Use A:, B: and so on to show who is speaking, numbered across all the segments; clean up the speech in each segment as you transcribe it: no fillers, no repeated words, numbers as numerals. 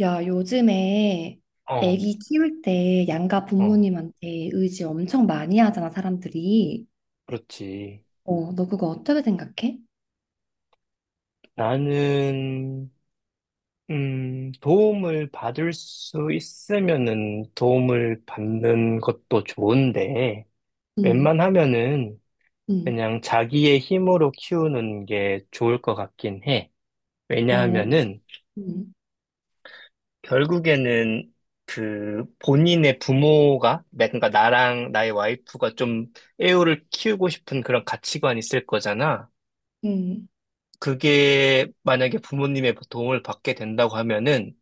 A: 야, 요즘에
B: 어,
A: 애기 키울 때 양가
B: 어,
A: 부모님한테 의지 엄청 많이 하잖아, 사람들이.
B: 그렇지.
A: 어, 너 그거 어떻게 생각해?
B: 나는, 도움을 받을 수 있으면은 도움을 받는 것도 좋은데,
A: 응,
B: 웬만하면은
A: 응,
B: 그냥 자기의 힘으로 키우는 게 좋을 것 같긴 해.
A: 어,
B: 왜냐하면은
A: 응,
B: 결국에는 그 본인의 부모가, 그러니까 나랑 나의 와이프가 좀 애우를 키우고 싶은 그런 가치관이 있을 거잖아.
A: 응,
B: 그게 만약에 부모님의 도움을 받게 된다고 하면은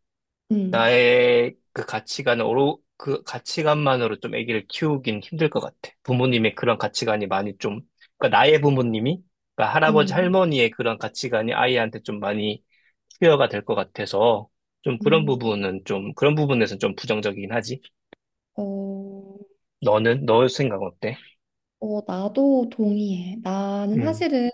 A: 응,
B: 나의 그 가치관으로 그 가치관만으로 좀 아기를 키우긴 힘들 것 같아. 부모님의 그런 가치관이 많이 좀 그러니까 나의 부모님이 그러니까 할아버지
A: 응,
B: 할머니의 그런 가치관이 아이한테 좀 많이 투여가 될 것 같아서
A: 응.
B: 좀 그런 부분에서는 좀 부정적이긴 하지.
A: 어,
B: 너는 너 생각 어때?
A: 나도 동의해. 나는
B: 음,
A: 사실은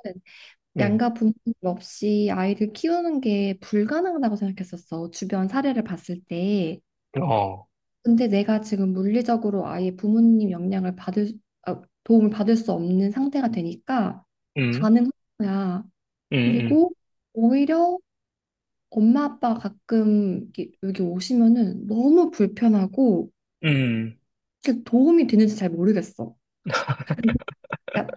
B: 음,
A: 양가 부모님 없이 아이를 키우는 게 불가능하다고 생각했었어. 주변 사례를 봤을 때.
B: 어,
A: 근데 내가 지금 물리적으로 아예 부모님 영향을 받을 수- 아, 도움을 받을 수 없는 상태가 되니까
B: 음,
A: 가능한 거야.
B: 음, 음,
A: 그리고 오히려 엄마 아빠가 가끔 이렇게 여기 오시면은 너무 불편하고
B: 음,
A: 사실 도움이 되는지 잘 모르겠어. 그러니까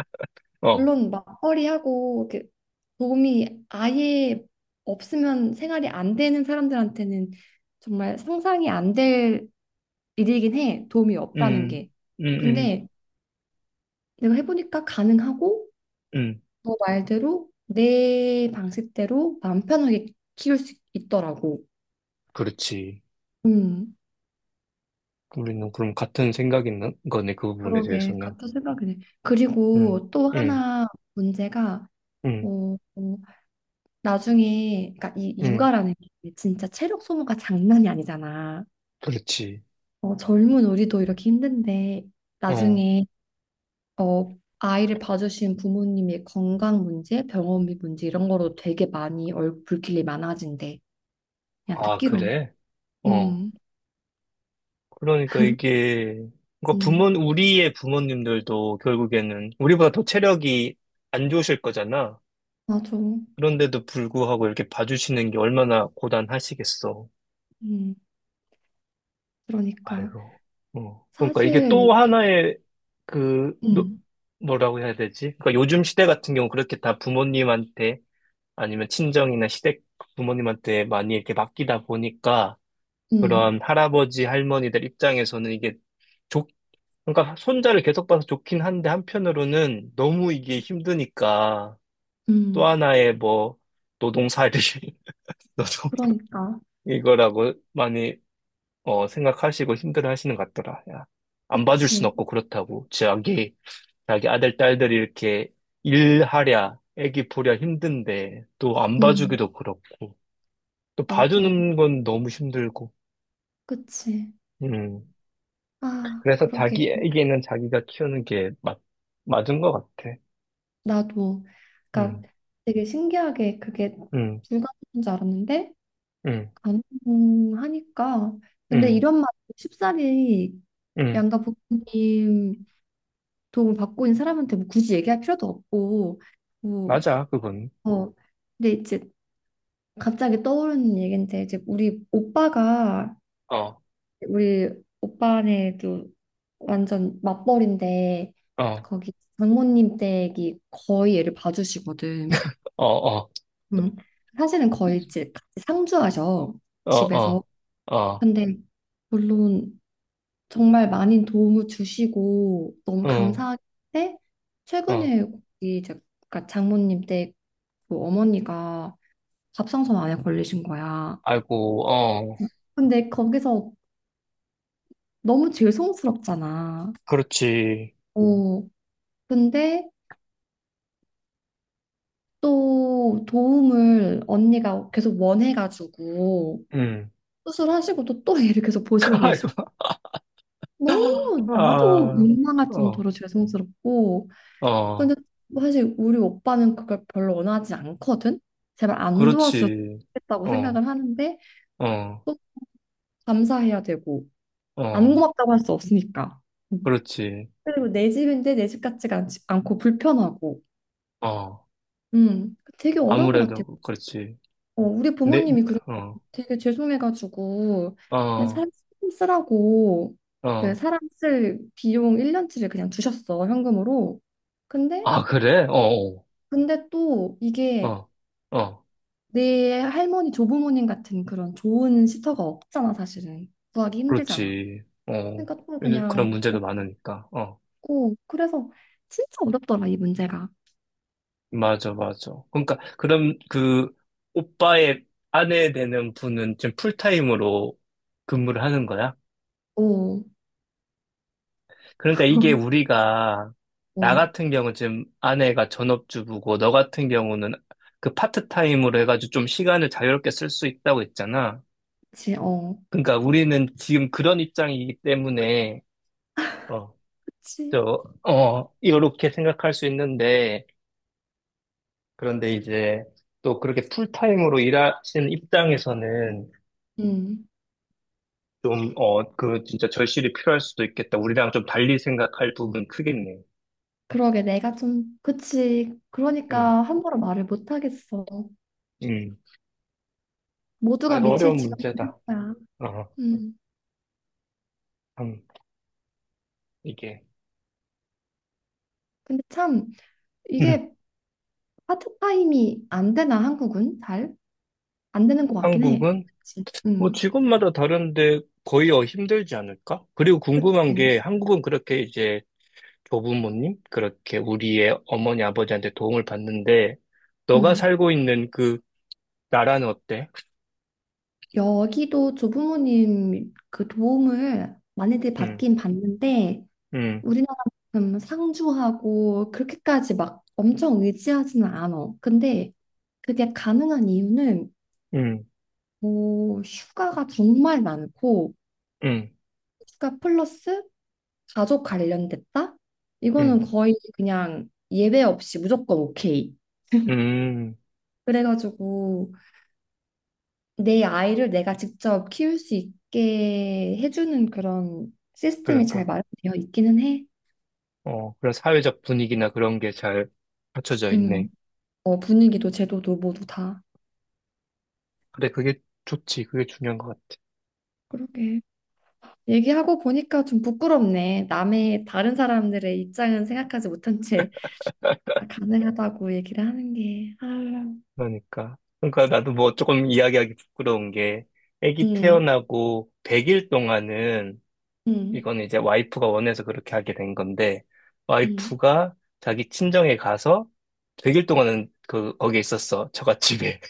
B: 어,
A: 물론 맞벌이하고 이렇게 도움이 아예 없으면 생활이 안 되는 사람들한테는 정말 상상이 안 될 일이긴 해. 도움이 없다는
B: 음,
A: 게.
B: 음, 음.
A: 근데 내가 해보니까 가능하고
B: 음.
A: 너 말대로 내 방식대로 마음 편하게 키울 수 있더라고.
B: 그렇지.
A: 음,
B: 우리는 그럼 같은 생각 있는 거네, 그 부분에
A: 그러게
B: 대해서는.
A: 같은 생각이네.
B: 응,
A: 그리고 또
B: 응,
A: 하나 문제가
B: 응,
A: 어, 어, 나중에 그러니까 이
B: 응.
A: 육아라는 게 진짜 체력 소모가 장난이 아니잖아.
B: 그렇지.
A: 어, 젊은 우리도 이렇게 힘든데
B: 어.
A: 나중에 어, 아이를 봐주신 부모님의 건강 문제, 병원비 문제 이런 거로 되게 많이 불길이 많아진대. 그냥
B: 아,
A: 듣기로.
B: 그래? 어.
A: 음.
B: 그러니까 이게,
A: 음,
B: 우리의 부모님들도 결국에는 우리보다 더 체력이 안 좋으실 거잖아.
A: 맞아.
B: 그런데도 불구하고 이렇게 봐주시는 게 얼마나 고단하시겠어.
A: 음, 그러니까.
B: 아이고. 어. 그러니까 이게
A: 사실,
B: 또 하나의 그,
A: 음,
B: 뭐라고 해야 되지? 그러니까 요즘 시대 같은 경우 그렇게 다 부모님한테 아니면 친정이나 시댁 부모님한테 많이 이렇게 맡기다 보니까
A: 음,
B: 그런 할아버지 할머니들 입장에서는 이게 좋, 그러니까 손자를 계속 봐서 좋긴 한데 한편으로는 너무 이게 힘드니까 또
A: 음,
B: 하나의 뭐 노동살이 노동
A: 그러니까.
B: 이거라고 많이 생각하시고 힘들어 하시는 것 같더라. 야, 안 봐줄 순
A: 그치.
B: 없고 그렇다고 자기 아들 딸들이 이렇게 일하랴 애기 보랴 힘든데 또 안
A: 음,
B: 봐주기도 그렇고 또
A: 맞아.
B: 봐주는 건 너무 힘들고.
A: 그치.
B: 음.
A: 아,
B: 그래서
A: 그러게.
B: 자기에게는 자기가 키우는 게 맞은 것 같아.
A: 나도. 그러니까
B: 음,
A: 되게 신기하게 그게
B: 음,
A: 불가능한 줄 알았는데,
B: 음,
A: 가능하니까. 근데
B: 음,
A: 이런 말, 쉽사리
B: 음.
A: 양가 부모님 도움을 받고 있는 사람한테 뭐 굳이 얘기할 필요도 없고, 뭐,
B: 맞아, 그건.
A: 어, 근데 이제 갑자기 떠오르는 얘긴데 이제 우리 오빠가
B: 어, 어,
A: 우리 오빠네도 완전 맞벌인데
B: 어,
A: 거기 장모님 댁이 거의 얘를 봐주시거든.
B: 어,
A: 음. 사실은 거의 이제 같이 상주하셔
B: 어,
A: 집에서.
B: 어, 어,
A: 근데 물론 정말 많은 도움을 주시고 너무
B: 응,
A: 감사한데
B: 어.
A: 최근에 거기 이제 그러니까 장모님 댁그 어머니가 갑상선 암에 걸리신 거야.
B: 아이고, 어,
A: 근데 거기서 너무 죄송스럽잖아.
B: 그렇지.
A: 어, 근데 또 도움을 언니가 계속 원해가지고
B: 음.
A: 수술하시고도 또 얘를 계속 보시고
B: 아이고,
A: 계시고 너무 나도
B: 아,
A: 민망할
B: 어,
A: 정도로 죄송스럽고 근데
B: 어,
A: 사실 우리 오빠는 그걸 별로 원하지 않거든. 제발 안 도와줬으면
B: 그렇지.
A: 좋겠다고
B: 어,
A: 생각을 하는데
B: 어,
A: 또 감사해야 되고 안
B: 어,
A: 고맙다고 할 수 없으니까. 음.
B: 그렇지.
A: 그리고 내 집인데 내 집 같지가 않고 불편하고.
B: 어,
A: 되게 어려운 것 같아.
B: 아무래도 그렇지.
A: 어, 우리
B: 네, 네,
A: 부모님이 그래서
B: 어,
A: 되게 죄송해가지고 그냥
B: 어,
A: 사람 쓰라고 그
B: 어.
A: 사람 쓸 비용 1년치를 그냥 주셨어 현금으로. 근데
B: 아, 그래? 어,
A: 근데 또
B: 어,
A: 이게
B: 어, 어.
A: 내 할머니 조부모님 같은 그런 좋은 시터가 없잖아 사실은 구하기 힘들잖아.
B: 그렇지. 어.
A: 그러니까 또
B: 그런
A: 그냥
B: 문제도 많으니까. 어.
A: 없고 그래서 진짜 어렵더라 이 문제가.
B: 맞아, 맞아. 그러니까, 그럼 그 오빠의 아내 되는 분은 지금 풀타임으로 근무를 하는 거야?
A: 어,
B: 그러니까 이게 우리가, 나
A: 어,
B: 같은 경우 지금 아내가 전업주부고, 너 같은 경우는 그 파트타임으로 해가지고 좀 시간을 자유롭게 쓸 수 있다고 했잖아.
A: 그치, 어,
B: 그러니까 우리는 지금 그런 입장이기 때문에, 어,
A: 그치.
B: 이렇게 생각할 수 있는데, 그런데 이제 또 그렇게 풀타임으로 일하시는 입장에서는
A: 음.
B: 좀, 그 진짜 절실히 필요할 수도 있겠다. 우리랑 좀 달리 생각할 부분 크겠네.
A: 그러게 내가 좀 그치
B: 음,
A: 그러니까 함부로 말을 못 하겠어
B: 음. 아,
A: 모두가
B: 이거 어려운
A: 미칠 지경인
B: 문제다.
A: 거야
B: 어,
A: 음
B: 참, 이게.
A: 근데 참
B: 음.
A: 이게 파트타임이 안 되나 한국은 잘 안 되는 것 같긴 해
B: 한국은
A: 그치
B: 뭐 직업마다 다른데 거의 힘들지 않을까? 그리고 궁금한
A: 그치?
B: 게 한국은 그렇게 이제 조부모님? 그렇게 우리의 어머니, 아버지한테 도움을 받는데, 너가
A: 음,
B: 살고 있는 그 나라는 어때?
A: 여기도 조부모님 그 도움을 많이들
B: 음,
A: 받긴 받는데
B: 음,
A: 우리나라만큼 상주하고 그렇게까지 막 엄청 의지하지는 않아. 근데 그게 가능한 이유는
B: 음,
A: 오, 휴가가 정말 많고,
B: 음,
A: 휴가 플러스 가족 관련됐다? 이거는
B: 음,
A: 거의 그냥 예외 없이 무조건 오케이.
B: 음,
A: 그래가지고 내 아이를 내가 직접 키울 수 있게 해주는 그런 시스템이 잘
B: 그러니까.
A: 마련되어 있기는 해.
B: 어, 그런 사회적 분위기나 그런 게 잘 갖춰져 있네.
A: 음, 어, 분위기도 제도도 모두 다.
B: 그래, 그게 좋지. 그게 중요한 것 같아.
A: 그러게. 얘기하고 보니까 좀 부끄럽네. 남의 다른 사람들의 입장은 생각하지 못한 채 다 가능하다고 얘기를 하는 게. 아
B: 그러니까. 그러니까 나도 뭐 조금 이야기하기 부끄러운 게, 아기
A: 음.
B: 태어나고 100일 동안은
A: 음,
B: 이건 이제 와이프가 원해서 그렇게 하게 된 건데,
A: 음.
B: 와이프가 자기 친정에 가서 100일 동안은 그, 거기에 있었어. 처갓집에.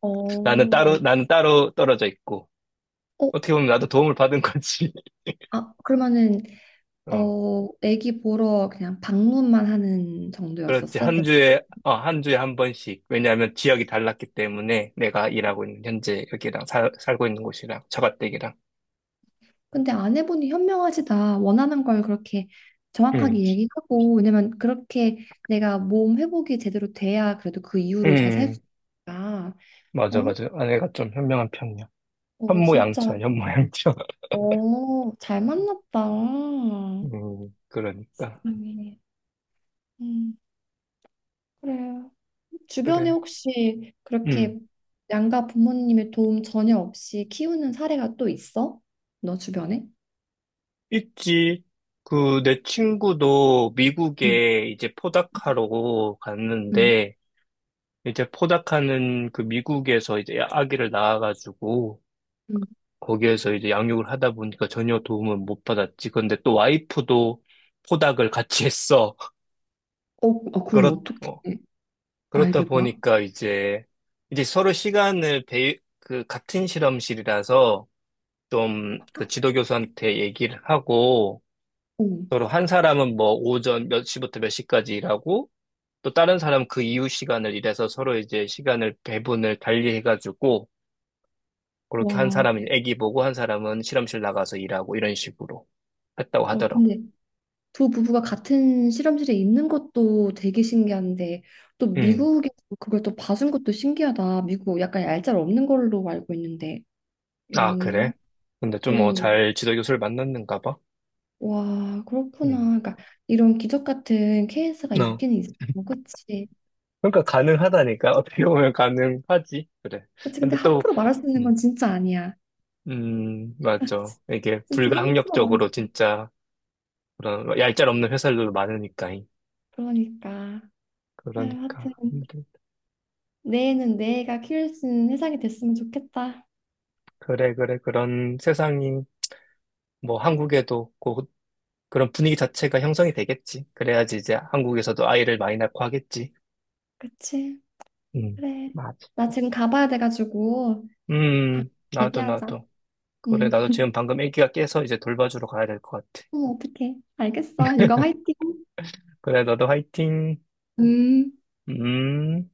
A: 어, 어,
B: 나는 따로 떨어져 있고. 어떻게 보면 나도 도움을 받은 거지.
A: 아, 그러면은,
B: 어,
A: 어, 애기 보러 그냥 방문만 하는
B: 그렇지.
A: 정도였었어? 백-
B: 한 주에 한 번씩. 왜냐하면 지역이 달랐기 때문에 내가 일하고 있는 현재 여기랑 살고 있는 곳이랑 처갓댁이랑.
A: 근데 아내분이 현명하시다. 원하는 걸 그렇게 정확하게
B: 음,
A: 얘기하고, 왜냐면 그렇게 내가 몸 회복이 제대로 돼야 그래도 그 이후로 잘 살
B: 음,
A: 수 있으니까.
B: 맞아,
A: 어,
B: 맞아. 아내가 좀 현명한 편이야.
A: 어, 진짜,
B: 현모양처, 현모양처.
A: 어, 잘 만났다.
B: 그러니까.
A: 세상에. 음, 그래. 주변에
B: 그래.
A: 혹시 그렇게
B: 음.
A: 양가 부모님의 도움 전혀 없이 키우는 사례가 또 있어? 너 주변에?
B: 있지. 그, 내 친구도
A: 응,
B: 미국에 이제 포닥하러
A: 응,
B: 갔는데, 이제 포닥하는 그 미국에서 이제 아기를 낳아가지고,
A: 응.
B: 거기에서 이제 양육을 하다 보니까 전혀 도움을 못 받았지. 근데 또 와이프도 포닥을 같이 했어.
A: 그럼
B: 그렇,
A: 어떻게
B: 어, 그렇다
A: 아이를 봐?
B: 보니까 이제 서로 시간을 같은 실험실이라서 좀 그 지도교수한테 얘기를 하고,
A: 어.
B: 서로 한 사람은 뭐 오전 몇 시부터 몇 시까지 일하고 또 다른 사람은 그 이후 시간을 일해서 서로 이제 시간을 배분을 달리 해가지고 그렇게 한
A: 와,
B: 사람은 애기 보고 한 사람은 실험실 나가서 일하고 이런 식으로 했다고
A: 어,
B: 하더라고.
A: 근데 두 부부가 같은 실험실에 있는 것도 되게 신기한데 또
B: 음.
A: 미국에서 그걸 또 봐준 것도 신기하다. 미국 약간 얄짤없는 걸로 알고 있는데.
B: 아,
A: 음,
B: 그래? 근데 좀
A: 음.
B: 잘 지도 교수를 만났는가 봐.
A: 와, 그렇구나.
B: 음.
A: 그러니까 이런 기적 같은 케이스가
B: 어.
A: 있긴 있어. 그치?
B: 그러니까 가능하다니까. 어떻게 보면 가능하지. 그래.
A: 그치, 근데
B: 근데 또,
A: 함부로 말할 수 있는
B: 음,
A: 건 진짜 아니야.
B: 맞죠. 이게
A: 진짜 함부로 말할 수
B: 불가항력적으로
A: 있는.
B: 진짜 그런 얄짤 없는 회사들도 많으니까.
A: 그러니까. 아유,
B: 그러니까.
A: 하여튼 내일은 내가 키울 수 있는 세상이 됐으면 좋겠다.
B: 그래, 그래. 그런 세상이 뭐 한국에도 곧 그런 분위기 자체가 형성이 되겠지. 그래야지 이제 한국에서도 아이를 많이 낳고 하겠지.
A: 그치?
B: 음,
A: 그래.
B: 맞아.
A: 나 지금 가봐야 돼가지고 다음에
B: 나도,
A: 얘기하자.
B: 나도. 그래,
A: 음,
B: 나도 지금 방금 애기가 깨서 이제 돌봐주러 가야 될 것 같아.
A: 어, 어떡해. 알겠어. 육아 화이팅.
B: 그래, 너도 화이팅.
A: 음.
B: 음.